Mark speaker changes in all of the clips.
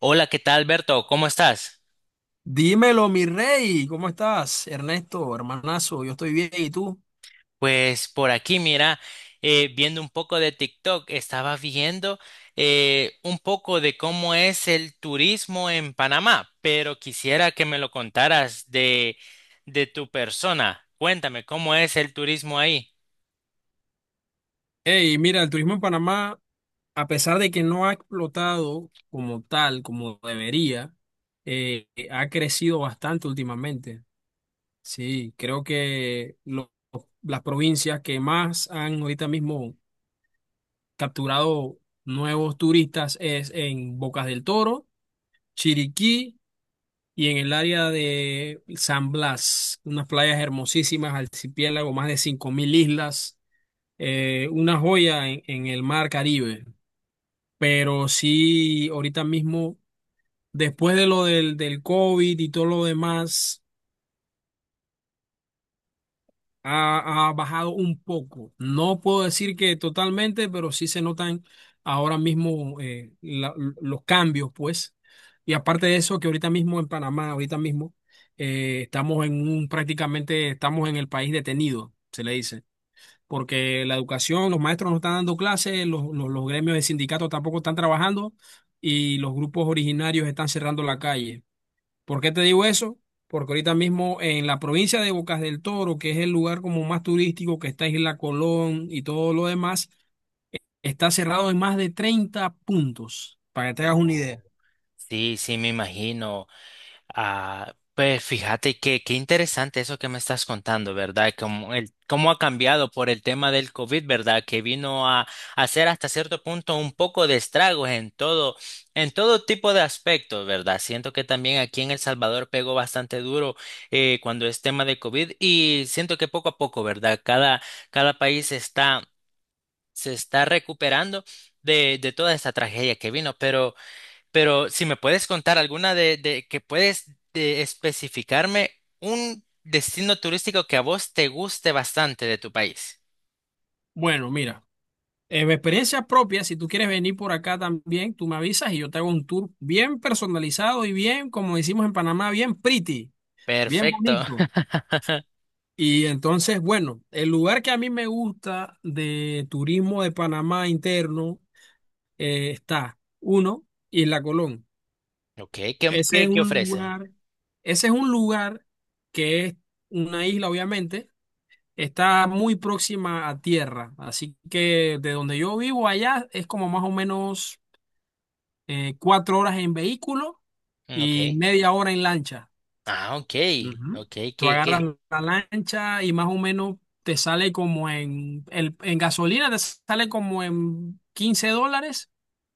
Speaker 1: Hola, ¿qué tal, Alberto? ¿Cómo estás?
Speaker 2: Dímelo, mi rey, ¿cómo estás? Ernesto, hermanazo, yo estoy bien, ¿y tú?
Speaker 1: Pues por aquí, mira, viendo un poco de TikTok, estaba viendo un poco de cómo es el turismo en Panamá, pero quisiera que me lo contaras de tu persona. Cuéntame, ¿cómo es el turismo ahí?
Speaker 2: Hey, mira, el turismo en Panamá, a pesar de que no ha explotado como tal, como debería, ha crecido bastante últimamente. Sí, creo que las provincias que más han ahorita mismo capturado nuevos turistas es en Bocas del Toro, Chiriquí y en el área de San Blas, unas playas hermosísimas, archipiélago, más de 5,000 islas, una joya en el mar Caribe. Pero sí, ahorita mismo, después de lo del COVID y todo lo demás, ha bajado un poco. No puedo decir que totalmente, pero sí se notan ahora mismo los cambios, pues. Y aparte de eso, que ahorita mismo en Panamá, ahorita mismo, prácticamente estamos en el país detenido, se le dice. Porque la educación, los maestros no están dando clases, los gremios de sindicatos tampoco están trabajando y los grupos originarios están cerrando la calle. ¿Por qué te digo eso? Porque ahorita mismo en la provincia de Bocas del Toro, que es el lugar como más turístico, que está Isla Colón y todo lo demás, eh, está cerrado en más de 30 puntos, para que te hagas una
Speaker 1: Oh,
Speaker 2: idea.
Speaker 1: sí, sí, me imagino. Ah, pues fíjate que qué interesante eso que me estás contando, ¿verdad? Como el, cómo ha cambiado por el tema del COVID, ¿verdad? Que vino a hacer hasta cierto punto un poco de estragos en todo tipo de aspectos, ¿verdad? Siento que también aquí en El Salvador pegó bastante duro cuando es tema de COVID y siento que poco a poco, ¿verdad? Cada país está, se está recuperando de toda esta tragedia que vino, pero si me puedes contar de que puedes de especificarme un destino turístico que a vos te guste bastante de tu país.
Speaker 2: Bueno, mira, en mi experiencia propia, si tú quieres venir por acá también, tú me avisas y yo te hago un tour bien personalizado y bien, como decimos en Panamá, bien pretty, bien
Speaker 1: Perfecto.
Speaker 2: bonito. Y entonces, bueno, el lugar que a mí me gusta de turismo de Panamá interno está uno y la Colón.
Speaker 1: Ok,
Speaker 2: Ese es
Speaker 1: ¿qué
Speaker 2: un
Speaker 1: ofrece?
Speaker 2: lugar, ese es un lugar que es una isla, obviamente, está muy próxima a tierra, así que de donde yo vivo allá es como más o menos 4 horas en vehículo
Speaker 1: Mm,
Speaker 2: y
Speaker 1: ok.
Speaker 2: media hora en lancha.
Speaker 1: Ah, ok.
Speaker 2: Ujú.
Speaker 1: Ok,
Speaker 2: Tú agarras
Speaker 1: qué.
Speaker 2: la lancha y más o menos te sale como en gasolina, te sale como en $15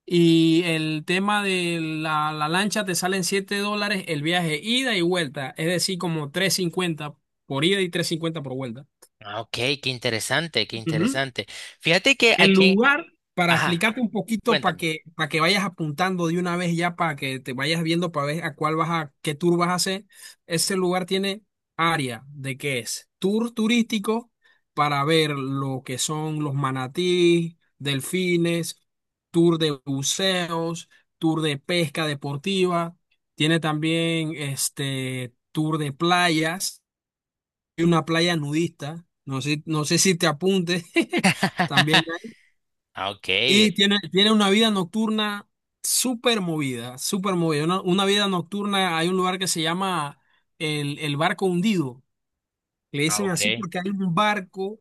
Speaker 2: y el tema de la lancha te sale en $7 el viaje ida y vuelta, es decir, como 350 por ida y 350 por vuelta.
Speaker 1: Ah, ok, qué interesante, qué
Speaker 2: Ujú.
Speaker 1: interesante. Fíjate que
Speaker 2: El
Speaker 1: aquí.
Speaker 2: lugar, para
Speaker 1: Ajá,
Speaker 2: explicarte un poquito, para
Speaker 1: cuéntame.
Speaker 2: que, para que vayas apuntando de una vez ya, para que te vayas viendo, para ver a cuál vas a, qué tour vas a hacer, ese lugar tiene área de que es tour turístico para ver lo que son los manatí, delfines, tour de buceos, tour de pesca deportiva, tiene también este tour de playas, y una playa nudista, no sé si te apuntes. También
Speaker 1: Ah, ok.
Speaker 2: y tiene una vida nocturna súper movida, súper movida. Una vida nocturna, hay un lugar que se llama el barco hundido. Le
Speaker 1: Ah,
Speaker 2: dicen
Speaker 1: ok.
Speaker 2: así porque hay un barco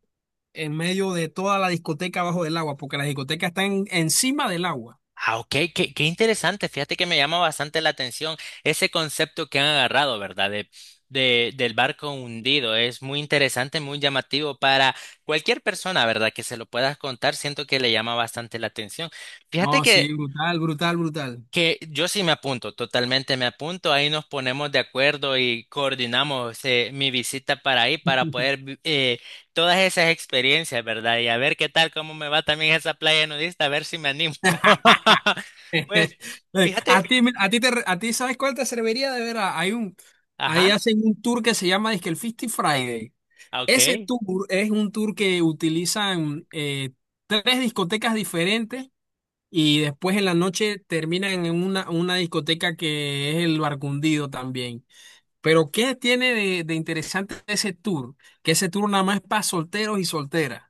Speaker 2: en medio de toda la discoteca abajo del agua, porque la discoteca está encima del agua.
Speaker 1: Ah, ok, qué interesante. Fíjate que me llama bastante la atención ese concepto que han agarrado, ¿verdad? De, del barco hundido. Es muy interesante, muy llamativo para cualquier persona, ¿verdad? Que se lo puedas contar. Siento que le llama bastante la atención. Fíjate
Speaker 2: No,
Speaker 1: que
Speaker 2: sí, brutal, brutal, brutal.
Speaker 1: yo sí me apunto, totalmente me apunto, ahí nos ponemos de acuerdo y coordinamos mi visita para ahí para poder todas esas experiencias, ¿verdad? Y a ver qué tal, cómo me va también esa playa nudista, a ver si me animo. Pues,
Speaker 2: A
Speaker 1: fíjate,
Speaker 2: ti, mira, a ti ¿sabes cuál te serviría de ver? Ahí
Speaker 1: ajá,
Speaker 2: hacen un tour que se llama dizque el Fisty Friday.
Speaker 1: ah,
Speaker 2: Ese
Speaker 1: ok.
Speaker 2: tour es un tour que utilizan tres discotecas diferentes y después en la noche terminan en una discoteca que es el Barcundido también. Pero ¿qué tiene de interesante ese tour? Que ese tour nada más es para solteros y solteras.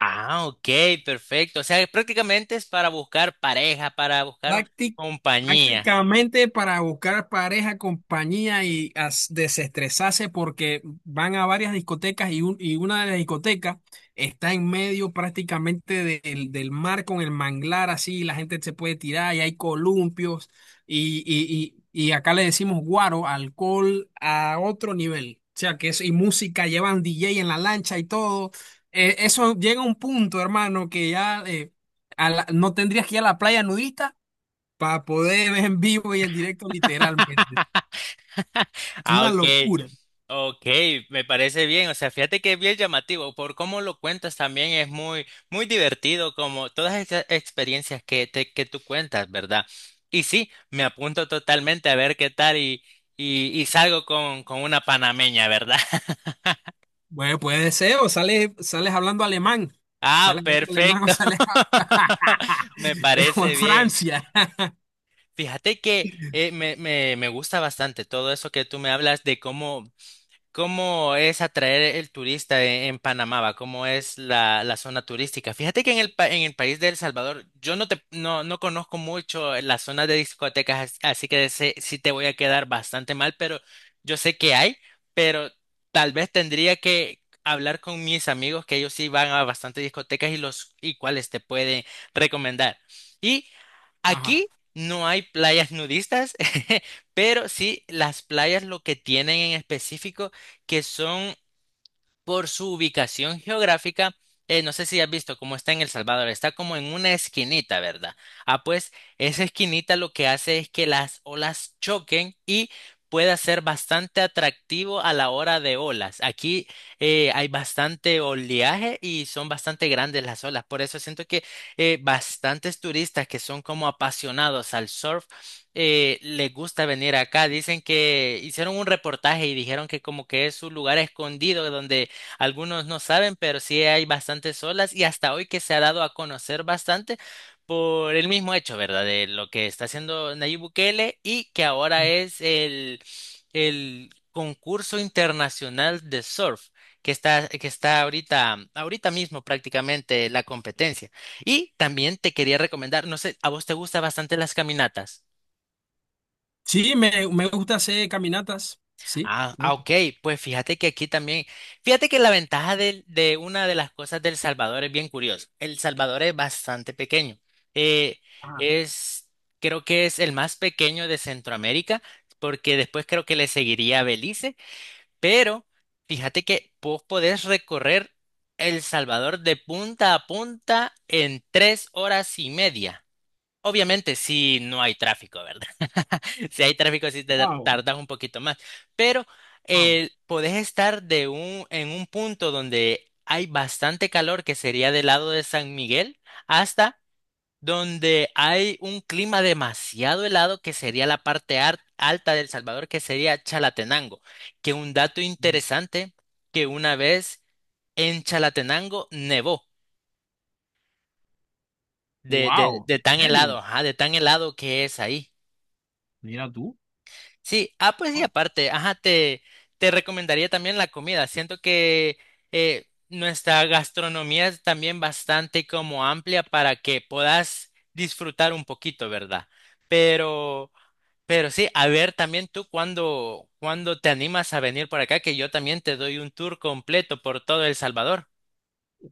Speaker 1: Ah, ok, perfecto. O sea, prácticamente es para buscar pareja, para buscar
Speaker 2: Prácti-
Speaker 1: compañía.
Speaker 2: prácticamente para buscar pareja, compañía y desestresarse porque van a varias discotecas y una de las discotecas está en medio prácticamente del mar con el manglar así, y la gente se puede tirar y hay columpios y acá le decimos guaro, alcohol a otro nivel. O sea, y música, llevan DJ en la lancha y todo. Eso llega a un punto, hermano, que ya no tendrías que ir a la playa nudista para poder ver en vivo y en directo literalmente. Es
Speaker 1: Ah,
Speaker 2: una
Speaker 1: ok.
Speaker 2: locura.
Speaker 1: Ok, me parece bien, o sea, fíjate que es bien llamativo, por cómo lo cuentas también es muy divertido, como todas esas experiencias que tú cuentas, ¿verdad? Y sí, me apunto totalmente a ver qué tal y salgo con una panameña, ¿verdad?
Speaker 2: Bueno, puede ser, o sales, sales hablando alemán,
Speaker 1: Ah,
Speaker 2: sales hablando alemán o
Speaker 1: perfecto,
Speaker 2: sales
Speaker 1: me
Speaker 2: o en
Speaker 1: parece bien.
Speaker 2: Francia.
Speaker 1: Fíjate que me gusta bastante todo eso que tú me hablas de cómo ¿cómo es atraer el turista en Panamá? ¿Va? ¿Cómo es la, la zona turística? Fíjate que en el, en el país de El Salvador yo no, te, no, no conozco mucho la zona de discotecas, así que sí te voy a quedar bastante mal, pero yo sé que hay, pero tal vez tendría que hablar con mis amigos que ellos sí van a bastantes discotecas y cuáles te pueden recomendar. Y
Speaker 2: Ajá.
Speaker 1: aquí no hay playas nudistas, pero sí las playas lo que tienen en específico que son por su ubicación geográfica, no sé si has visto cómo está en El Salvador, está como en una esquinita, ¿verdad? Ah, pues esa esquinita lo que hace es que las olas choquen y pueda ser bastante atractivo a la hora de olas. Aquí hay bastante oleaje y son bastante grandes las olas, por eso siento que bastantes turistas que son como apasionados al surf les gusta venir acá. Dicen que hicieron un reportaje y dijeron que como que es un lugar escondido donde algunos no saben, pero sí hay bastantes olas y hasta hoy que se ha dado a conocer bastante por el mismo hecho, ¿verdad? De lo que está haciendo Nayib Bukele y que ahora es el concurso internacional de surf que está ahorita, ahorita mismo prácticamente la competencia. Y también te quería recomendar, no sé, ¿a vos te gustan bastante las caminatas?
Speaker 2: Sí, me gusta hacer caminatas, sí.
Speaker 1: Ah,
Speaker 2: Me
Speaker 1: ah,
Speaker 2: gusta.
Speaker 1: ok, pues fíjate que aquí también, fíjate que la ventaja una de las cosas del Salvador es bien curiosa. El Salvador es bastante pequeño. Eh,
Speaker 2: Ah,
Speaker 1: es, creo que es el más pequeño de Centroamérica, porque después creo que le seguiría Belice, pero fíjate que vos podés recorrer El Salvador de punta a punta en 3 horas y media. Obviamente, si no hay tráfico, ¿verdad? Si hay tráfico, sí te
Speaker 2: wow,
Speaker 1: tardas un poquito más. Pero
Speaker 2: wow.
Speaker 1: podés estar de en un punto donde hay bastante calor, que sería del lado de San Miguel, hasta donde hay un clima demasiado helado, que sería la parte alta del Salvador, que sería Chalatenango. Que un dato interesante, que una vez en Chalatenango nevó
Speaker 2: Wow,
Speaker 1: de
Speaker 2: ¿en
Speaker 1: tan helado,
Speaker 2: serio?
Speaker 1: ajá, de tan helado que es ahí.
Speaker 2: Mira tú.
Speaker 1: Sí, ah, pues y
Speaker 2: Wow.
Speaker 1: aparte, ajá, te recomendaría también la comida. Siento que nuestra gastronomía es también bastante como amplia para que puedas disfrutar un poquito, ¿verdad? Pero, pero sí, a ver también tú cuando te animas a venir por acá, que yo también te doy un tour completo por todo El Salvador.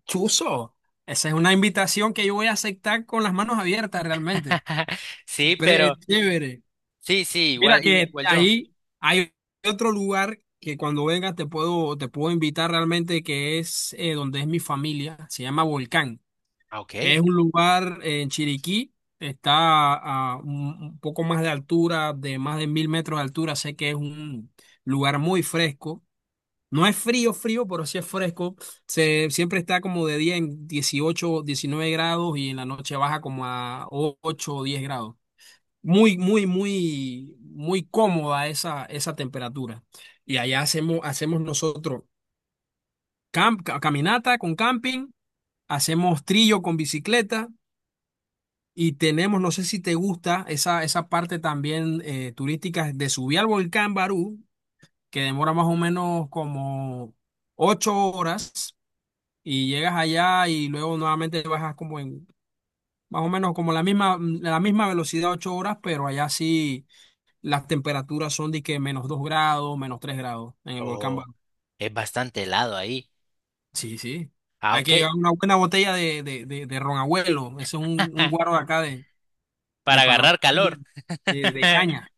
Speaker 2: Chuzo, esa es una invitación que yo voy a aceptar con las manos abiertas realmente.
Speaker 1: Sí, pero
Speaker 2: Chévere.
Speaker 1: sí, sí,
Speaker 2: Mira
Speaker 1: igual,
Speaker 2: que
Speaker 1: igual yo.
Speaker 2: ahí hay otro lugar que cuando vengas te puedo invitar realmente que es donde es mi familia, se llama Volcán.
Speaker 1: Ah, ok.
Speaker 2: Es un lugar en Chiriquí, está a un poco más de altura, de más de 1,000 metros de altura, sé que es un lugar muy fresco. No es frío, frío, pero sí es fresco. Siempre está como de día en 18, 19 grados y en la noche baja como a 8 o 10 grados muy, muy, muy, muy cómoda esa temperatura. Y allá hacemos nosotros caminata con camping, hacemos trillo con bicicleta y tenemos, no sé si te gusta, esa parte también turística de subir al volcán Barú, que demora más o menos como 8 horas y llegas allá y luego nuevamente bajas Más o menos como la misma velocidad, 8 horas, pero allá sí, las temperaturas son de que menos 2 grados, menos 3 grados en el volcán
Speaker 1: Oh,
Speaker 2: Barú.
Speaker 1: es bastante helado ahí.
Speaker 2: Sí, sí.
Speaker 1: Ah,
Speaker 2: Hay que llevar
Speaker 1: ok.
Speaker 2: una buena botella de ron abuelo. Ese es un guaro de acá de
Speaker 1: Para
Speaker 2: Panamá,
Speaker 1: agarrar calor.
Speaker 2: de caña.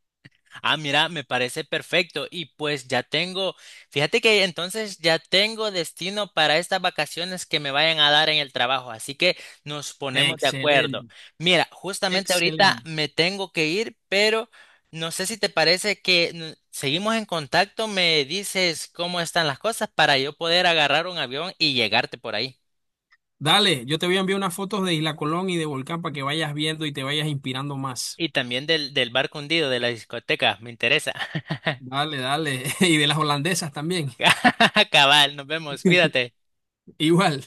Speaker 1: Ah, mira, me parece perfecto. Y pues ya tengo, fíjate que entonces ya tengo destino para estas vacaciones que me vayan a dar en el trabajo. Así que nos ponemos de acuerdo.
Speaker 2: Excelente,
Speaker 1: Mira, justamente ahorita
Speaker 2: excelente.
Speaker 1: me tengo que ir, pero no sé si te parece que seguimos en contacto. Me dices cómo están las cosas para yo poder agarrar un avión y llegarte por ahí.
Speaker 2: Dale, yo te voy a enviar unas fotos de Isla Colón y de Volcán para que vayas viendo y te vayas inspirando más.
Speaker 1: Y también del, del barco hundido, de la discoteca, me interesa.
Speaker 2: Dale, dale. Y de las holandesas también.
Speaker 1: Cabal, nos vemos, cuídate.
Speaker 2: Igual.